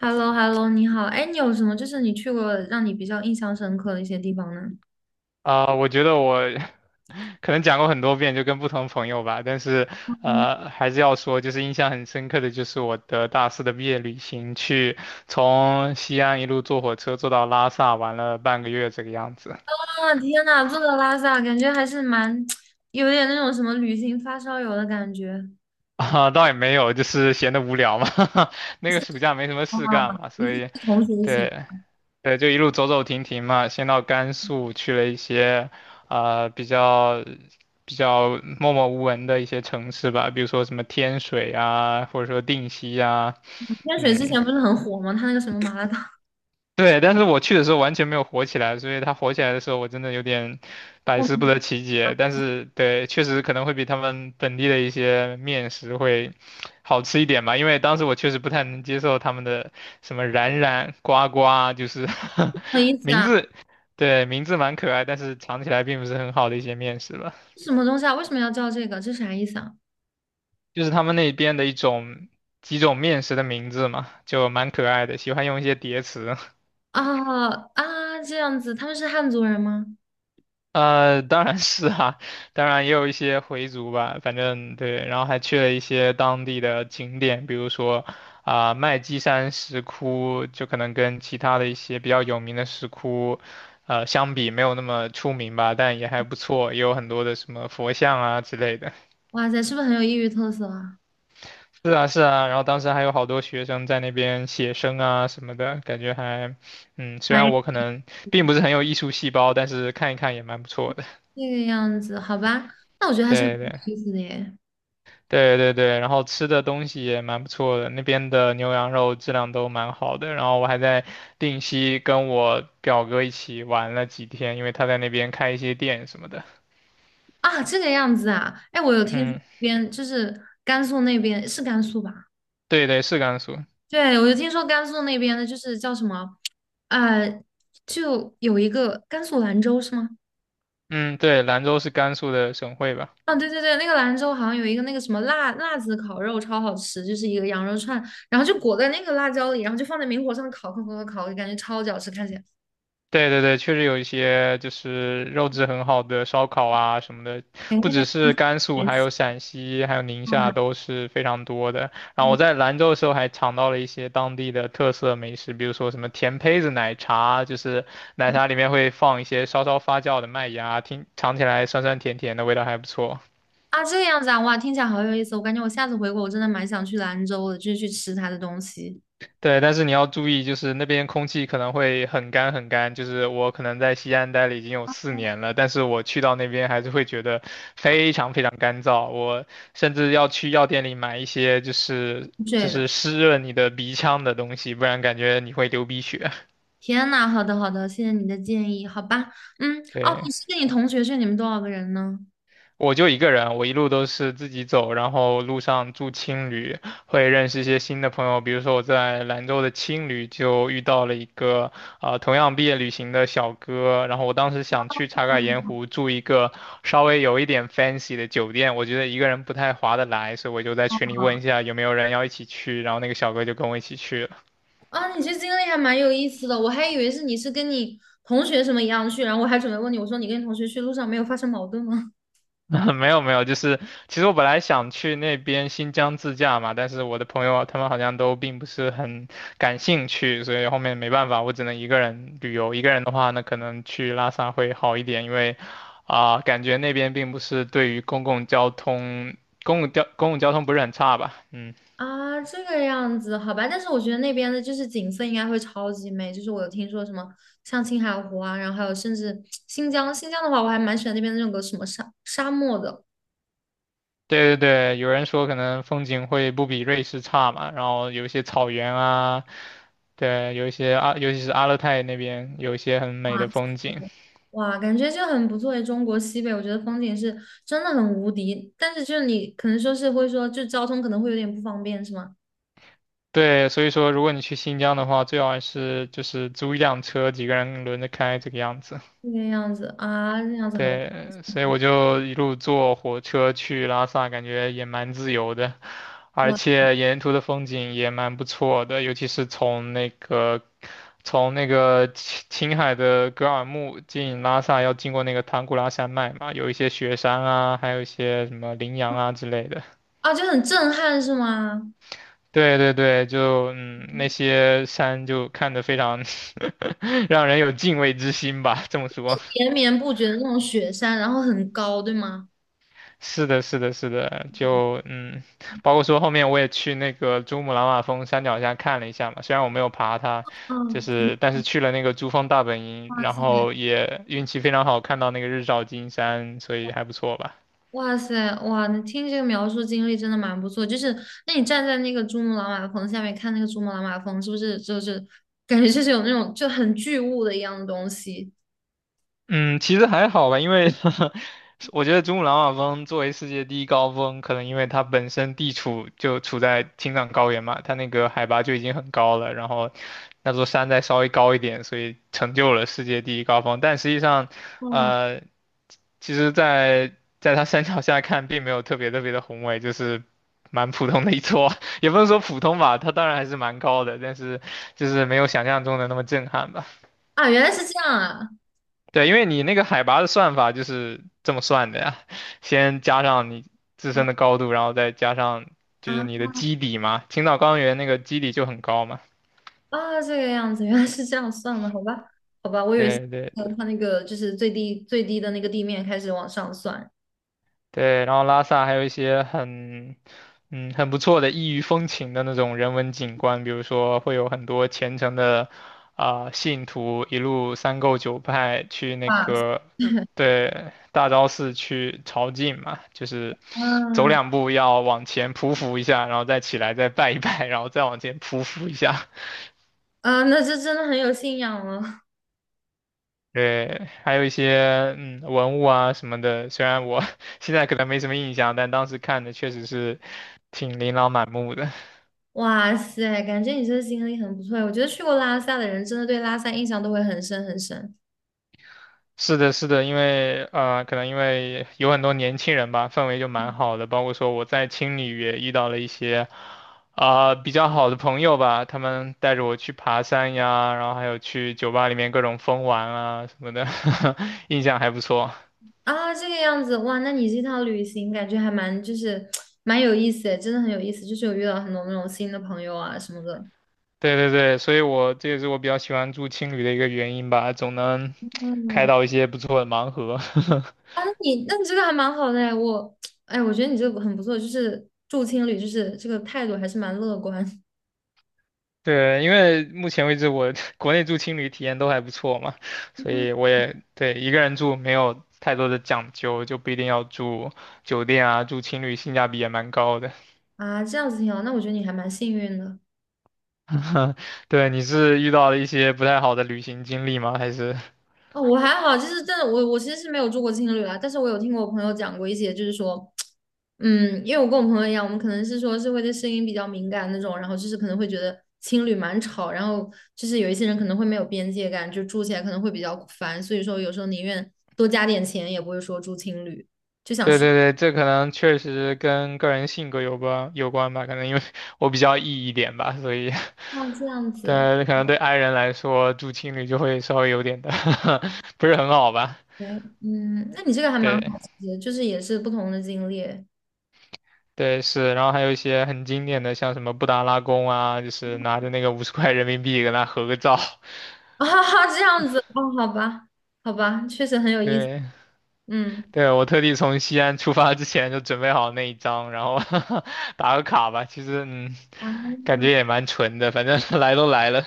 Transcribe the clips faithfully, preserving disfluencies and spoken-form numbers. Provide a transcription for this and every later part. h e l l o h e l l o 你好，哎，你有什么就是你去过让你比较印象深刻的一些地方呢？啊、我觉得我 可能讲过很多遍，就跟不同朋友吧，但是嗯。呃，还是要说，就是印象很深刻的就是我的大四的毕业旅行，去从西安一路坐火车坐到拉萨，玩了半个月这个样子。啊，天呐，这个拉萨感觉还是蛮 有点那种什么旅行发烧友的感觉。啊，倒也没有，就是闲得无聊嘛，那是个暑假没什么啊，事干嘛，你所是以，跟同学一起吗？对，对，就一路走走停停嘛，先到甘肃去了一些，啊、比较比较默默无闻的一些城市吧，比如说什么天水啊，或者说定西啊，天水之嗯。前不是很火吗？他那个什么麻辣烫，对，但是我去的时候完全没有火起来，所以它火起来的时候，我真的有点百我思不什得其解。但是，对，确实可能会比他们本地的一些面食会好吃一点吧，因为当时我确实不太能接受他们的什么冉冉、呱呱啊，就是 么意 思名啊？字，对，名字蛮可爱，但是尝起来并不是很好的一些面食吧，什么东西啊？为什么要叫这个？这啥意思啊？就是他们那边的一种几种面食的名字嘛，就蛮可爱的，喜欢用一些叠词。啊，啊，这样子，他们是汉族人吗？呃，当然是啊，当然也有一些回族吧，反正对，然后还去了一些当地的景点，比如说啊、麦积山石窟，就可能跟其他的一些比较有名的石窟，呃，相比没有那么出名吧，但也还不错，也有很多的什么佛像啊之类的。哇塞，是不是很有异域特色啊？是啊，是啊，然后当时还有好多学生在那边写生啊什么的，感觉还，嗯，虽妈，然我可能并不是很有艺术细胞，但是看一看也蛮不错的。这个样子，好吧，那我觉得还是蛮对对。有意思的耶。对对对，然后吃的东西也蛮不错的，那边的牛羊肉质量都蛮好的。然后我还在定西跟我表哥一起玩了几天，因为他在那边开一些店什么的。啊，这个样子啊，哎，我有听说嗯，那边就是甘肃，那边是甘肃吧？对对，是甘肃。对，我就听说甘肃那边的，就是叫什么，呃，就有一个甘肃兰州是吗？嗯，对，兰州是甘肃的省会吧？啊，对对对，那个兰州好像有一个那个什么辣辣子烤肉超好吃，就是一个羊肉串，然后就裹在那个辣椒里，然后就放在明火上烤烤烤烤烤，感觉超级好吃，看起来。对对对，确实有一些就是肉质很好的烧烤啊什么的，哎，不那边只是甘肃，也还是有陕西，还有宁夏啊，都是非常多的。然后嗯嗯。我在兰州的时候还尝到了一些当地的特色美食，比如说什么甜胚子奶茶，就是奶茶里面会放一些稍稍发酵的麦芽，听尝起来酸酸甜甜的，味道还不错。啊，这个样子啊，哇，听起来好有意思，我感觉我下次回国我真的蛮想去兰州的，就是去吃它的东西，对，但是你要注意，就是那边空气可能会很干很干。就是我可能在西安待了已经有四年了，但是我去到那边还是会觉得非常非常干燥。我甚至要去药店里买一些就是之就类的。是湿润你的鼻腔的东西，不然感觉你会流鼻血。天呐，好的好的，谢谢你的建议，好吧，嗯，哦，对。你是跟你同学去，你们多少个人呢？我就一个人，我一路都是自己走，然后路上住青旅，会认识一些新的朋友。比如说我在兰州的青旅就遇到了一个啊、呃同样毕业旅行的小哥，然后我当时想去茶卡盐湖住一个稍微有一点 fancy 的酒店，我觉得一个人不太划得来，所以我就在群里问一下有没有人要一起去，然后那个小哥就跟我一起去了。啊，你这经历还蛮有意思的，我还以为是你是跟你同学什么一样去，然后我还准备问你，我说你跟你同学去路上没有发生矛盾吗？没有没有，就是其实我本来想去那边新疆自驾嘛，但是我的朋友啊他们好像都并不是很感兴趣，所以后面没办法，我只能一个人旅游。一个人的话呢，可能去拉萨会好一点，因为啊、感觉那边并不是对于公共交通，公共交公共交通不是很差吧？嗯，啊，这个样子，好吧，但是我觉得那边的就是景色应该会超级美，就是我有听说什么像青海湖啊，然后还有甚至新疆，新疆的话我还蛮喜欢那边的那种个什么沙沙漠的。对对对，有人说可能风景会不比瑞士差嘛，然后有一些草原啊，对，有一些阿，尤其是阿勒泰那边有一些很美的风景。哇，感觉就很不错诶，中国西北，我觉得风景是真的很无敌，但是就是你可能说是会说，就交通可能会有点不方便，是吗？对，所以说如果你去新疆的话，最好还是就是租一辆车，几个人轮着开这个样子。这个样子啊，那样子好吧，对，所以我就一路坐火车去拉萨，感觉也蛮自由的，而哇。且沿途的风景也蛮不错的，尤其是从那个从那个青青海的格尔木进拉萨，要经过那个唐古拉山脉嘛，有一些雪山啊，还有一些什么羚羊啊之类的。啊，就很震撼是吗？对对对，就嗯，那些山就看着非常让人有敬畏之心吧，这么说。连绵不绝的那种雪山，然后很高，对吗？是的，是的，是的，就嗯，包括说后面我也去那个珠穆朗玛峰山脚下看了一下嘛，虽然我没有爬它，就嗯，是但是去了那个珠峰大本营，哇然塞，后也运气非常好，看到那个日照金山，所以还不错吧。哇塞，哇！你听这个描述经历真的蛮不错，就是那你站在那个珠穆朗玛峰下面看那个珠穆朗玛峰，是不是就是感觉就是有那种就很巨物的一样的东西？嗯，其实还好吧，因为 我觉得珠穆朗玛峰作为世界第一高峰，可能因为它本身地处就处在青藏高原嘛，它那个海拔就已经很高了，然后那座山再稍微高一点，所以成就了世界第一高峰。但实际上，哇！呃，其实在，在它山脚下看，并没有特别特别的宏伟，就是蛮普通的一座，也不能说普通吧，它当然还是蛮高的，但是就是没有想象中的那么震撼吧。啊，原来是这样啊！对，因为你那个海拔的算法就是这么算的呀，先加上你自身哦。的高度，然后再加上就是啊，你的基底嘛。青岛高原那个基底就很高嘛。啊，这个样子，原来是这样算了，好吧，好吧，我以为是对对。呃，它那个就是最低最低的那个地面开始往上算。对，然后拉萨还有一些很，嗯，很不错的异域风情的那种人文景观，比如说会有很多虔诚的啊、信徒一路三叩九拜去那哇塞，个，呃对，大昭寺去朝觐嘛，就是走两步要往前匍匐一下，然后再起来再拜一拜，然后再往前匍匐一下。啊，那这真的很有信仰了。对，还有一些嗯文物啊什么的，虽然我 现在可能没什么印象，但当时看的确实是挺琳琅满目的。哇塞，感觉你这个经历很不错。我觉得去过拉萨的人，真的对拉萨印象都会很深很深。 是的，是的，因为呃，可能因为有很多年轻人吧，氛围就蛮好的。包括说我在青旅也遇到了一些啊、比较好的朋友吧，他们带着我去爬山呀，然后还有去酒吧里面各种疯玩啊什么的，印象还不错。啊，这个样子，哇，那你这趟旅行感觉还蛮就是蛮有意思诶，真的很有意思，就是有遇到很多那种新的朋友啊什么的。对对对，所以我这也是我比较喜欢住青旅的一个原因吧，总能开嗯，到一些不错的盲盒。啊，那你那你这个还蛮好的哎，我 哎，我觉得你这个很不错，就是住青旅，就是这个态度还是蛮乐观。 对，因为目前为止我 国内住青旅体验都还不错嘛，所以 我也对一个人住没有太多的讲究，就不一定要住酒店啊，住青旅性价比也蛮高的。啊，这样子挺好。那我觉得你还蛮幸运的。 对，你是遇到了一些不太好的旅行经历吗？还是？哦，我还好，就是真的，我我其实是没有住过青旅啦，但是我有听过我朋友讲过一些，就是说，嗯，因为我跟我朋友一样，我们可能是说是会对声音比较敏感那种，然后就是可能会觉得青旅蛮吵，然后就是有一些人可能会没有边界感，就住起来可能会比较烦，所以说有时候宁愿多加点钱，也不会说住青旅，就想对睡。对对，这可能确实跟个人性格有关有关吧，可能因为我比较 E 一点吧，所以 啊，这样子，但可能对 i 人来说，住青旅就会稍微有点的 不是很好吧？对，嗯，那你这个还蛮对好奇的，就是也是不同的经历。 对是，然后还有一些很经典的，像什么布达拉宫啊，就是拿着那个五十块人民币跟他合个照。啊，这样子哦，好吧，好吧，确实很有 意思，对嗯，对，我特地从西安出发之前就准备好那一张，然后 打个卡吧。其实嗯，啊，感觉也蛮纯的，反正 来都来了。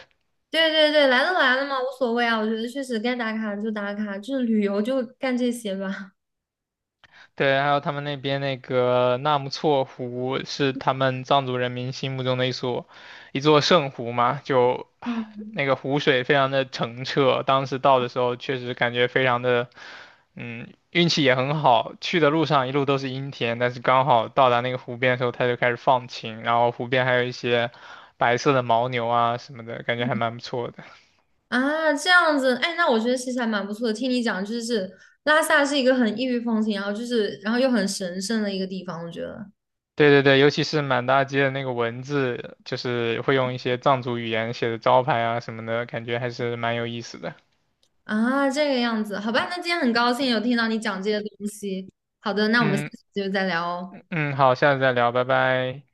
对对对，来都来了嘛，无所谓啊，我觉得确实该打卡就打卡，就是旅游就干这些吧，对，还有他们那边那个纳木错湖是他们藏族人民心目中的一所一座圣湖嘛，就啊嗯。那个湖水非常的澄澈，当时到的时候确实感觉非常的，嗯，运气也很好，去的路上一路都是阴天，但是刚好到达那个湖边的时候，它就开始放晴，然后湖边还有一些白色的牦牛啊什么的，感觉还蛮不错的。啊，这样子，哎，那我觉得其实还蛮不错的，听你讲就是拉萨是一个很异域风情，然后就是然后又很神圣的一个地方，我觉得。对对对，尤其是满大街的那个文字，就是会用一些藏族语言写的招牌啊什么的，感觉还是蛮有意思的。啊，这个样子，好吧，那今天很高兴有听到你讲这些东西，好的，那我们下嗯次就再聊哦。嗯，好，下次再聊，拜拜。